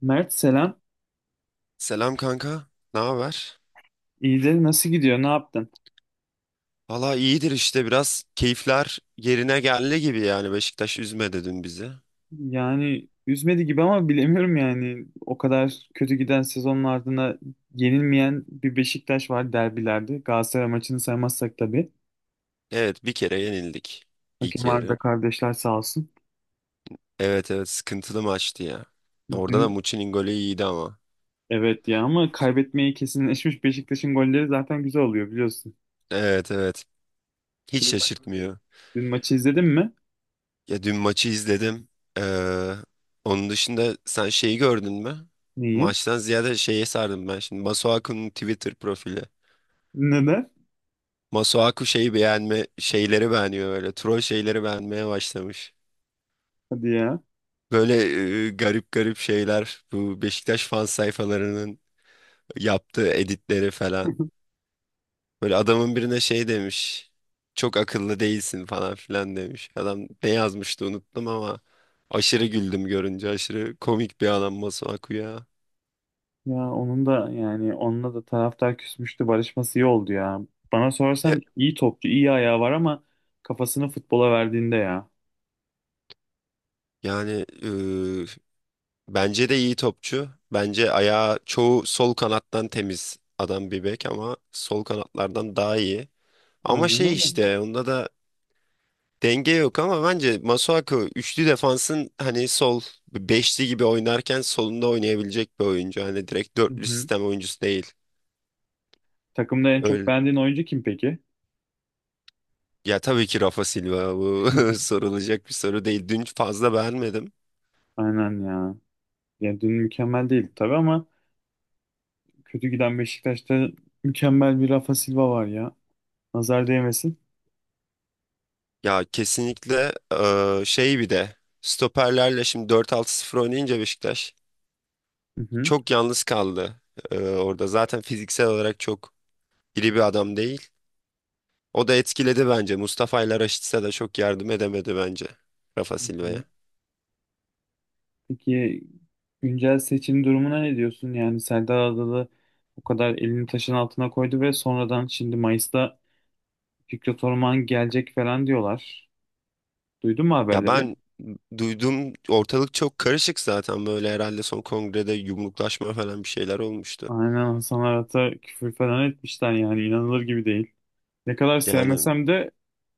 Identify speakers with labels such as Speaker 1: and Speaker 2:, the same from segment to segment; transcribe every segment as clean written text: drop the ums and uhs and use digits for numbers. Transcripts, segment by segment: Speaker 1: Mert selam.
Speaker 2: Selam kanka. Ne haber?
Speaker 1: İyidir nasıl gidiyor ne yaptın?
Speaker 2: Valla iyidir işte biraz keyifler yerine geldi gibi yani Beşiktaş üzmedi dün bizi.
Speaker 1: Yani üzmedi gibi ama bilemiyorum yani. O kadar kötü giden sezonun ardına yenilmeyen bir Beşiktaş var derbilerde. Galatasaray maçını saymazsak tabii.
Speaker 2: Evet bir kere yenildik ilk
Speaker 1: Hakem Arda
Speaker 2: yarı.
Speaker 1: kardeşler sağ olsun.
Speaker 2: Evet, evet, sıkıntılı maçtı ya. Orada da
Speaker 1: Dün
Speaker 2: Muçi'nin golü iyiydi ama.
Speaker 1: evet ya ama kaybetmeyi kesinleşmiş Beşiktaş'ın golleri zaten güzel oluyor biliyorsun.
Speaker 2: Evet, evet, hiç
Speaker 1: Dün, ma-
Speaker 2: şaşırtmıyor.
Speaker 1: dün maçı izledin mi?
Speaker 2: Ya dün maçı izledim. Ee, Onun dışında sen şeyi gördün mü?
Speaker 1: niye
Speaker 2: Maçtan ziyade şeye sardım ben şimdi. Masuaku'nun Twitter profili.
Speaker 1: Neden?
Speaker 2: Masuaku şeyi beğenme, şeyleri beğeniyor böyle. Troll şeyleri beğenmeye başlamış.
Speaker 1: Hadi ya.
Speaker 2: Böyle garip garip şeyler, bu Beşiktaş fan sayfalarının yaptığı editleri falan. Böyle adamın birine şey demiş. Çok akıllı değilsin falan filan demiş. Adam ne yazmıştı unuttum ama aşırı güldüm görünce. Aşırı komik bir adam Masuaku ya.
Speaker 1: Ya onun da yani onunla da taraftar küsmüştü. Barışması iyi oldu ya. Bana
Speaker 2: E,
Speaker 1: sorarsan iyi topçu, iyi ayağı var ama kafasını futbola verdiğinde ya.
Speaker 2: Yani, bence de iyi topçu. Bence ayağı çoğu sol kanattan temiz adam, bir bek ama sol kanatlardan daha iyi. Ama
Speaker 1: Aynen
Speaker 2: şey
Speaker 1: öyle.
Speaker 2: işte onda da denge yok ama bence Masuaku üçlü defansın hani sol, beşli gibi oynarken solunda oynayabilecek bir oyuncu. Hani direkt
Speaker 1: Hı
Speaker 2: dörtlü
Speaker 1: hı.
Speaker 2: sistem oyuncusu değil.
Speaker 1: Takımda en çok
Speaker 2: Öyle,
Speaker 1: beğendiğin oyuncu kim peki?
Speaker 2: ya tabii ki Rafa Silva bu sorulacak bir soru değil. Dün fazla beğenmedim.
Speaker 1: Aynen ya. Ya dün mükemmel değildi tabii ama kötü giden Beşiktaş'ta mükemmel bir Rafa Silva var ya. Nazar değmesin.
Speaker 2: Ya kesinlikle şey bir de stoperlerle şimdi 4-6-0 oynayınca Beşiktaş
Speaker 1: Hı hı.
Speaker 2: çok yalnız kaldı. Orada zaten fiziksel olarak çok iri bir adam değil. O da etkiledi bence. Mustafa ile Raşit'se de çok yardım edemedi bence Rafa
Speaker 1: Hı
Speaker 2: Silva'ya.
Speaker 1: hı. Peki güncel seçim durumuna ne diyorsun? Yani Serdar Adalı o kadar elini taşın altına koydu ve sonradan şimdi Mayıs'ta Fikret Orman gelecek falan diyorlar. Duydun mu
Speaker 2: Ya
Speaker 1: haberleri?
Speaker 2: ben duyduğum ortalık çok karışık zaten, böyle herhalde son kongrede yumruklaşma falan bir şeyler olmuştu.
Speaker 1: Aynen Hasan Arat'a küfür falan etmişler yani inanılır gibi değil. Ne kadar
Speaker 2: Yani
Speaker 1: sevmesem de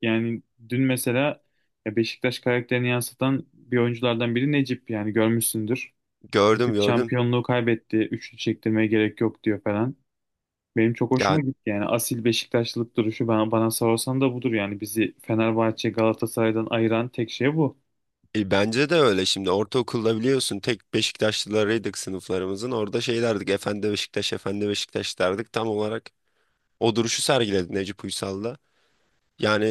Speaker 1: yani dün mesela ya Beşiktaş karakterini yansıtan bir oyunculardan biri Necip yani görmüşsündür.
Speaker 2: gördüm,
Speaker 1: Ekip
Speaker 2: gördüm.
Speaker 1: şampiyonluğu kaybetti. Üçlü çektirmeye gerek yok diyor falan. Benim çok hoşuma
Speaker 2: Yani,
Speaker 1: gitti yani asil Beşiktaşlılık duruşu bana sorarsan da budur yani bizi Fenerbahçe Galatasaray'dan ayıran tek şey bu.
Speaker 2: bence de öyle. Şimdi ortaokulda biliyorsun tek Beşiktaşlılarıydık sınıflarımızın. Orada şey derdik, efendi Beşiktaş, efendi Beşiktaş derdik, tam olarak o duruşu sergiledi Necip Uysal da. Yani,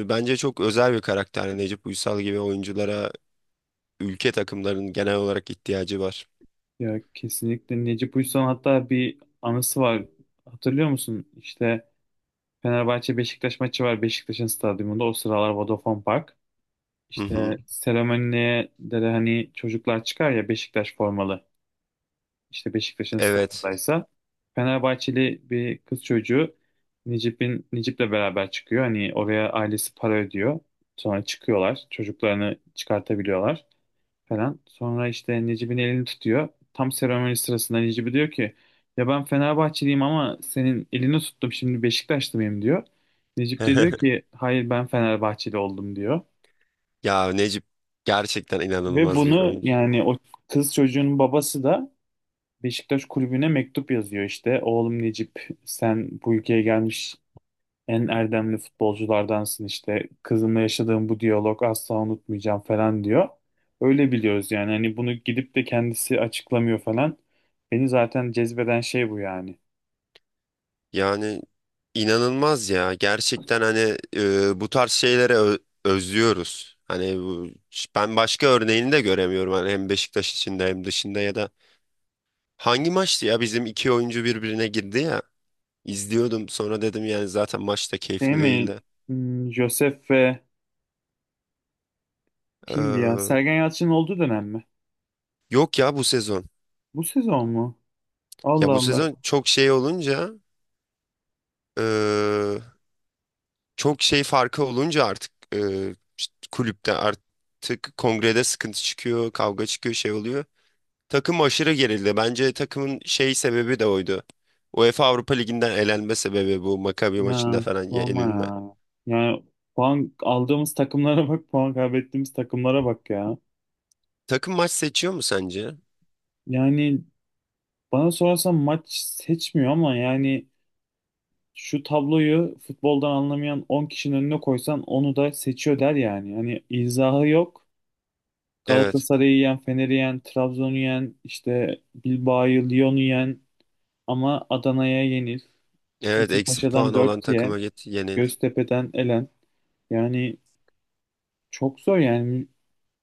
Speaker 2: bence çok özel bir karakter. Yani Necip Uysal gibi oyunculara ülke takımlarının genel olarak ihtiyacı var.
Speaker 1: Ya kesinlikle Necip Uysal hatta bir anısı var. Hatırlıyor musun? İşte Fenerbahçe Beşiktaş maçı var Beşiktaş'ın stadyumunda o sıralar Vodafone Park.
Speaker 2: Hı
Speaker 1: İşte
Speaker 2: hı.
Speaker 1: seremoniye de hani çocuklar çıkar ya Beşiktaş formalı. İşte Beşiktaş'ın
Speaker 2: Evet.
Speaker 1: stadındaysa Fenerbahçeli bir kız çocuğu Necip'le beraber çıkıyor. Hani oraya ailesi para ödüyor. Sonra çıkıyorlar. Çocuklarını çıkartabiliyorlar falan. Sonra işte Necip'in elini tutuyor. Tam seremoni sırasında Necip'i diyor ki ya ben Fenerbahçeliyim ama senin elini tuttum şimdi Beşiktaşlı mıyım diyor. Necip de diyor ki hayır ben Fenerbahçeli oldum diyor.
Speaker 2: Ya Necip gerçekten
Speaker 1: Ve
Speaker 2: inanılmaz bir
Speaker 1: bunu
Speaker 2: oyuncu, ya.
Speaker 1: yani o kız çocuğun babası da Beşiktaş kulübüne mektup yazıyor işte. Oğlum Necip sen bu ülkeye gelmiş en erdemli futbolculardansın işte. Kızımla yaşadığım bu diyalog asla unutmayacağım falan diyor. Öyle biliyoruz yani hani bunu gidip de kendisi açıklamıyor falan. Beni zaten cezbeden şey bu yani.
Speaker 2: Yani inanılmaz ya. Gerçekten hani, bu tarz şeylere özlüyoruz. Hani bu, ben başka örneğini de göremiyorum. Hani hem Beşiktaş içinde hem dışında ya da hangi maçtı ya, bizim iki oyuncu birbirine girdi ya. İzliyordum sonra dedim, yani zaten maç da
Speaker 1: Şey
Speaker 2: keyifli
Speaker 1: mi?
Speaker 2: değildi.
Speaker 1: Josef ve kimdi ya?
Speaker 2: Ee,
Speaker 1: Sergen Yalçın'ın olduğu dönem mi?
Speaker 2: Yok ya, bu sezon.
Speaker 1: Bu sezon mu?
Speaker 2: Ya
Speaker 1: Allah
Speaker 2: bu
Speaker 1: Allah.
Speaker 2: sezon çok şey olunca, çok şey farkı olunca artık, işte kulüpte artık kongrede sıkıntı çıkıyor, kavga çıkıyor, şey oluyor. Takım aşırı gerildi. Bence takımın şey sebebi de oydu. UEFA Avrupa Ligi'nden elenme sebebi bu Maccabi maçında
Speaker 1: Ya
Speaker 2: falan
Speaker 1: sorma
Speaker 2: yenilme.
Speaker 1: ya. Yani puan aldığımız takımlara bak, puan kaybettiğimiz takımlara bak ya.
Speaker 2: Takım maç seçiyor mu sence?
Speaker 1: Yani bana sorarsan maç seçmiyor ama yani şu tabloyu futboldan anlamayan 10 kişinin önüne koysan onu da seçiyor der yani. Yani izahı yok.
Speaker 2: Evet.
Speaker 1: Galatasaray'ı yen, Fener'i yen, Trabzon'u yen, işte Bilbao'yu, Lyon'u yen ama Adana'ya yenil.
Speaker 2: Evet, eksi
Speaker 1: Kasımpaşa'dan
Speaker 2: puanı olan
Speaker 1: 4 ye,
Speaker 2: takıma git yenil.
Speaker 1: Göztepe'den elen. Yani çok zor yani.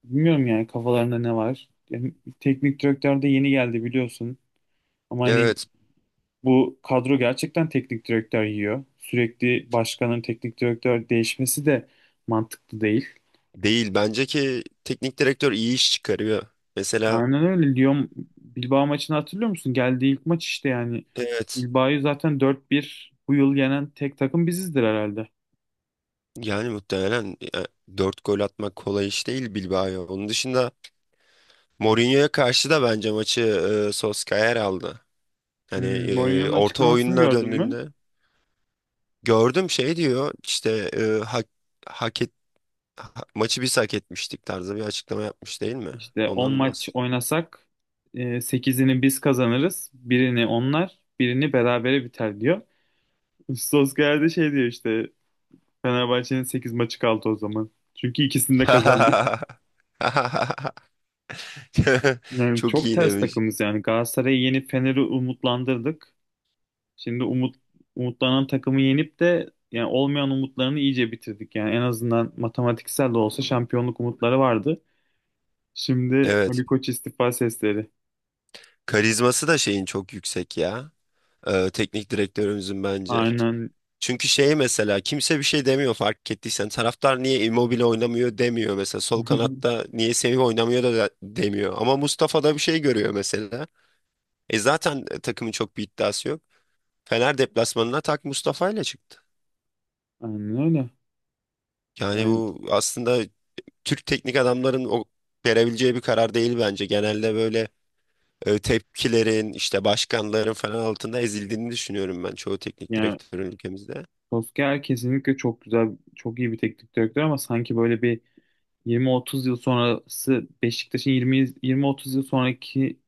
Speaker 1: Bilmiyorum yani kafalarında ne var. Yani teknik direktör de yeni geldi biliyorsun. Ama hani
Speaker 2: Evet.
Speaker 1: bu kadro gerçekten teknik direktör yiyor. Sürekli başkanın teknik direktör değişmesi de mantıklı değil.
Speaker 2: Değil. Bence ki teknik direktör iyi iş çıkarıyor. Mesela
Speaker 1: Aynen öyle. Lyon Bilbao maçını hatırlıyor musun? Geldiği ilk maç işte yani.
Speaker 2: evet.
Speaker 1: Bilbao'yu zaten 4-1 bu yıl yenen tek takım bizizdir herhalde.
Speaker 2: Yani muhtemelen, dört gol atmak kolay iş değil Bilbao'ya. Onun dışında Mourinho'ya karşı da bence maçı, Solskjaer aldı. Hani,
Speaker 1: Mourinho'nun
Speaker 2: orta
Speaker 1: açıklamasını
Speaker 2: oyununa
Speaker 1: gördün mü?
Speaker 2: döndüğünde gördüm şey diyor işte, hak et, maçı biz hak etmiştik tarzı bir açıklama yapmış değil mi?
Speaker 1: İşte 10
Speaker 2: Ondan mı
Speaker 1: maç oynasak 8'ini biz kazanırız. Birini onlar, birini berabere biter diyor. Solskjaer de şey diyor işte Fenerbahçe'nin 8 maçı kaldı o zaman. Çünkü ikisini de kazandık.
Speaker 2: bahsediyorsun?
Speaker 1: Yani
Speaker 2: Çok
Speaker 1: çok
Speaker 2: iyi
Speaker 1: ters
Speaker 2: demiş.
Speaker 1: takımız yani. Galatasaray'ı yenip Fener'i umutlandırdık. Şimdi umutlanan takımı yenip de yani olmayan umutlarını iyice bitirdik. Yani en azından matematiksel de olsa şampiyonluk umutları vardı. Şimdi
Speaker 2: Evet.
Speaker 1: Ali Koç istifa sesleri.
Speaker 2: Karizması da şeyin çok yüksek ya. Teknik direktörümüzün bence.
Speaker 1: Aynen.
Speaker 2: Çünkü şey, mesela kimse bir şey demiyor fark ettiysen. Taraftar niye Immobile oynamıyor demiyor mesela. Sol kanatta niye Semih oynamıyor demiyor. Ama Mustafa da bir şey görüyor mesela. Zaten, takımın çok bir iddiası yok. Fener deplasmanına tak Mustafa ile çıktı.
Speaker 1: Aynen öyle.
Speaker 2: Yani
Speaker 1: Yani,
Speaker 2: bu aslında Türk teknik adamların o verebileceği bir karar değil bence. Genelde böyle, tepkilerin işte başkanların falan altında ezildiğini düşünüyorum ben çoğu teknik
Speaker 1: yani
Speaker 2: direktörün ülkemizde.
Speaker 1: Solskjaer kesinlikle çok güzel, çok iyi bir teknik direktör ama sanki böyle bir 20-30 yıl sonrası Beşiktaş'ın 20 20-30 yıl sonraki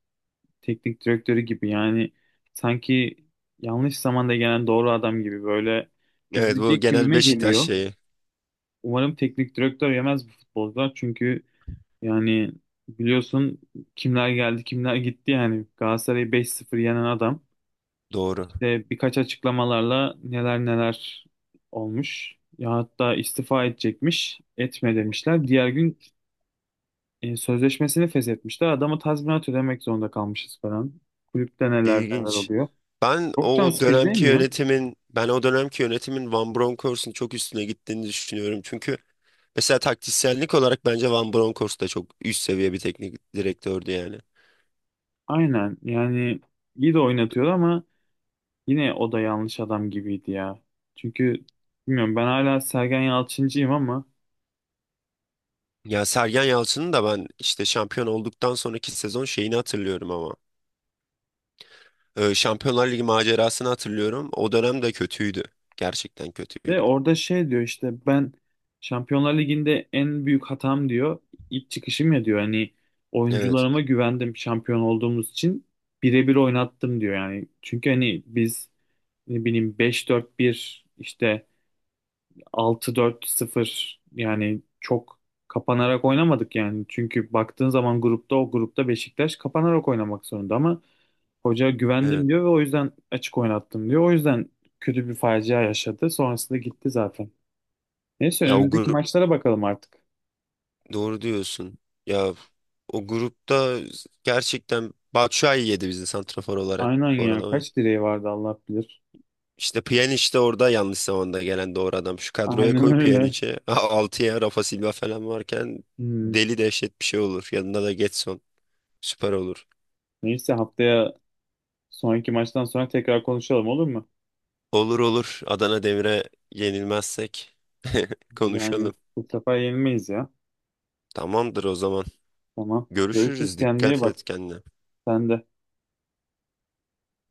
Speaker 1: teknik direktörü gibi. Yani sanki yanlış zamanda gelen doğru adam gibi böyle
Speaker 2: Evet, bu
Speaker 1: üzülecek
Speaker 2: genel
Speaker 1: gibime
Speaker 2: Beşiktaş
Speaker 1: geliyor.
Speaker 2: şeyi,
Speaker 1: Umarım teknik direktör yemez bu futbolcular çünkü yani biliyorsun kimler geldi kimler gitti yani Galatasaray'ı 5-0 yenen adam
Speaker 2: doğru.
Speaker 1: işte birkaç açıklamalarla neler neler olmuş. Ya hatta istifa edecekmiş, etme demişler. Diğer gün sözleşmesini feshetmişler. Adama tazminat ödemek zorunda kalmışız falan. Kulüpte neler neler
Speaker 2: İlginç.
Speaker 1: oluyor. Çok can sıkıcı değil mi ya?
Speaker 2: Ben o dönemki yönetimin Van Bronckhorst'un çok üstüne gittiğini düşünüyorum. Çünkü mesela taktisyenlik olarak bence Van Bronckhorst da çok üst seviye bir teknik direktördü yani.
Speaker 1: Aynen yani iyi de oynatıyor ama yine o da yanlış adam gibiydi ya. Çünkü bilmiyorum ben hala Sergen Yalçıncıyım ama
Speaker 2: Ya Sergen Yalçın'ın da ben işte şampiyon olduktan sonraki sezon şeyini hatırlıyorum ama. Şampiyonlar Ligi macerasını hatırlıyorum. O dönem de kötüydü. Gerçekten
Speaker 1: de
Speaker 2: kötüydü.
Speaker 1: orada şey diyor işte ben Şampiyonlar Ligi'nde en büyük hatam diyor, ilk çıkışım ya diyor. Hani
Speaker 2: Evet.
Speaker 1: oyuncularıma güvendim şampiyon olduğumuz için birebir oynattım diyor yani. Çünkü hani biz ne bileyim beş dört bir işte altı dört sıfır yani çok kapanarak oynamadık yani. Çünkü baktığın zaman o grupta Beşiktaş kapanarak oynamak zorunda ama hoca
Speaker 2: Evet.
Speaker 1: güvendim diyor ve o yüzden açık oynattım diyor. O yüzden kötü bir facia yaşadı. Sonrasında gitti zaten. Neyse
Speaker 2: Ya o
Speaker 1: önümüzdeki
Speaker 2: gru-
Speaker 1: maçlara bakalım artık.
Speaker 2: Doğru diyorsun. Ya o grupta gerçekten Batshuayi yedi bizi santrafor olarak
Speaker 1: Aynen
Speaker 2: bu
Speaker 1: ya.
Speaker 2: arada.
Speaker 1: Kaç direği vardı Allah bilir.
Speaker 2: İşte Pjanic de orada yanlış zamanda gelen doğru adam. Şu kadroya
Speaker 1: Aynen
Speaker 2: koy
Speaker 1: öyle.
Speaker 2: Pjanic'i. Altıya Rafa Silva falan varken
Speaker 1: Hmm.
Speaker 2: deli dehşet bir şey olur. Yanında da Getson, süper olur.
Speaker 1: Neyse haftaya sonraki maçtan sonra tekrar konuşalım olur mu?
Speaker 2: Olur, olur. Adana Demir'e yenilmezsek
Speaker 1: Yani
Speaker 2: konuşalım.
Speaker 1: bu sefer yenilmeyiz ya.
Speaker 2: Tamamdır o zaman.
Speaker 1: Tamam. Görüşürüz.
Speaker 2: Görüşürüz.
Speaker 1: Kendine iyi
Speaker 2: Dikkat
Speaker 1: bak.
Speaker 2: et kendine.
Speaker 1: Sen de.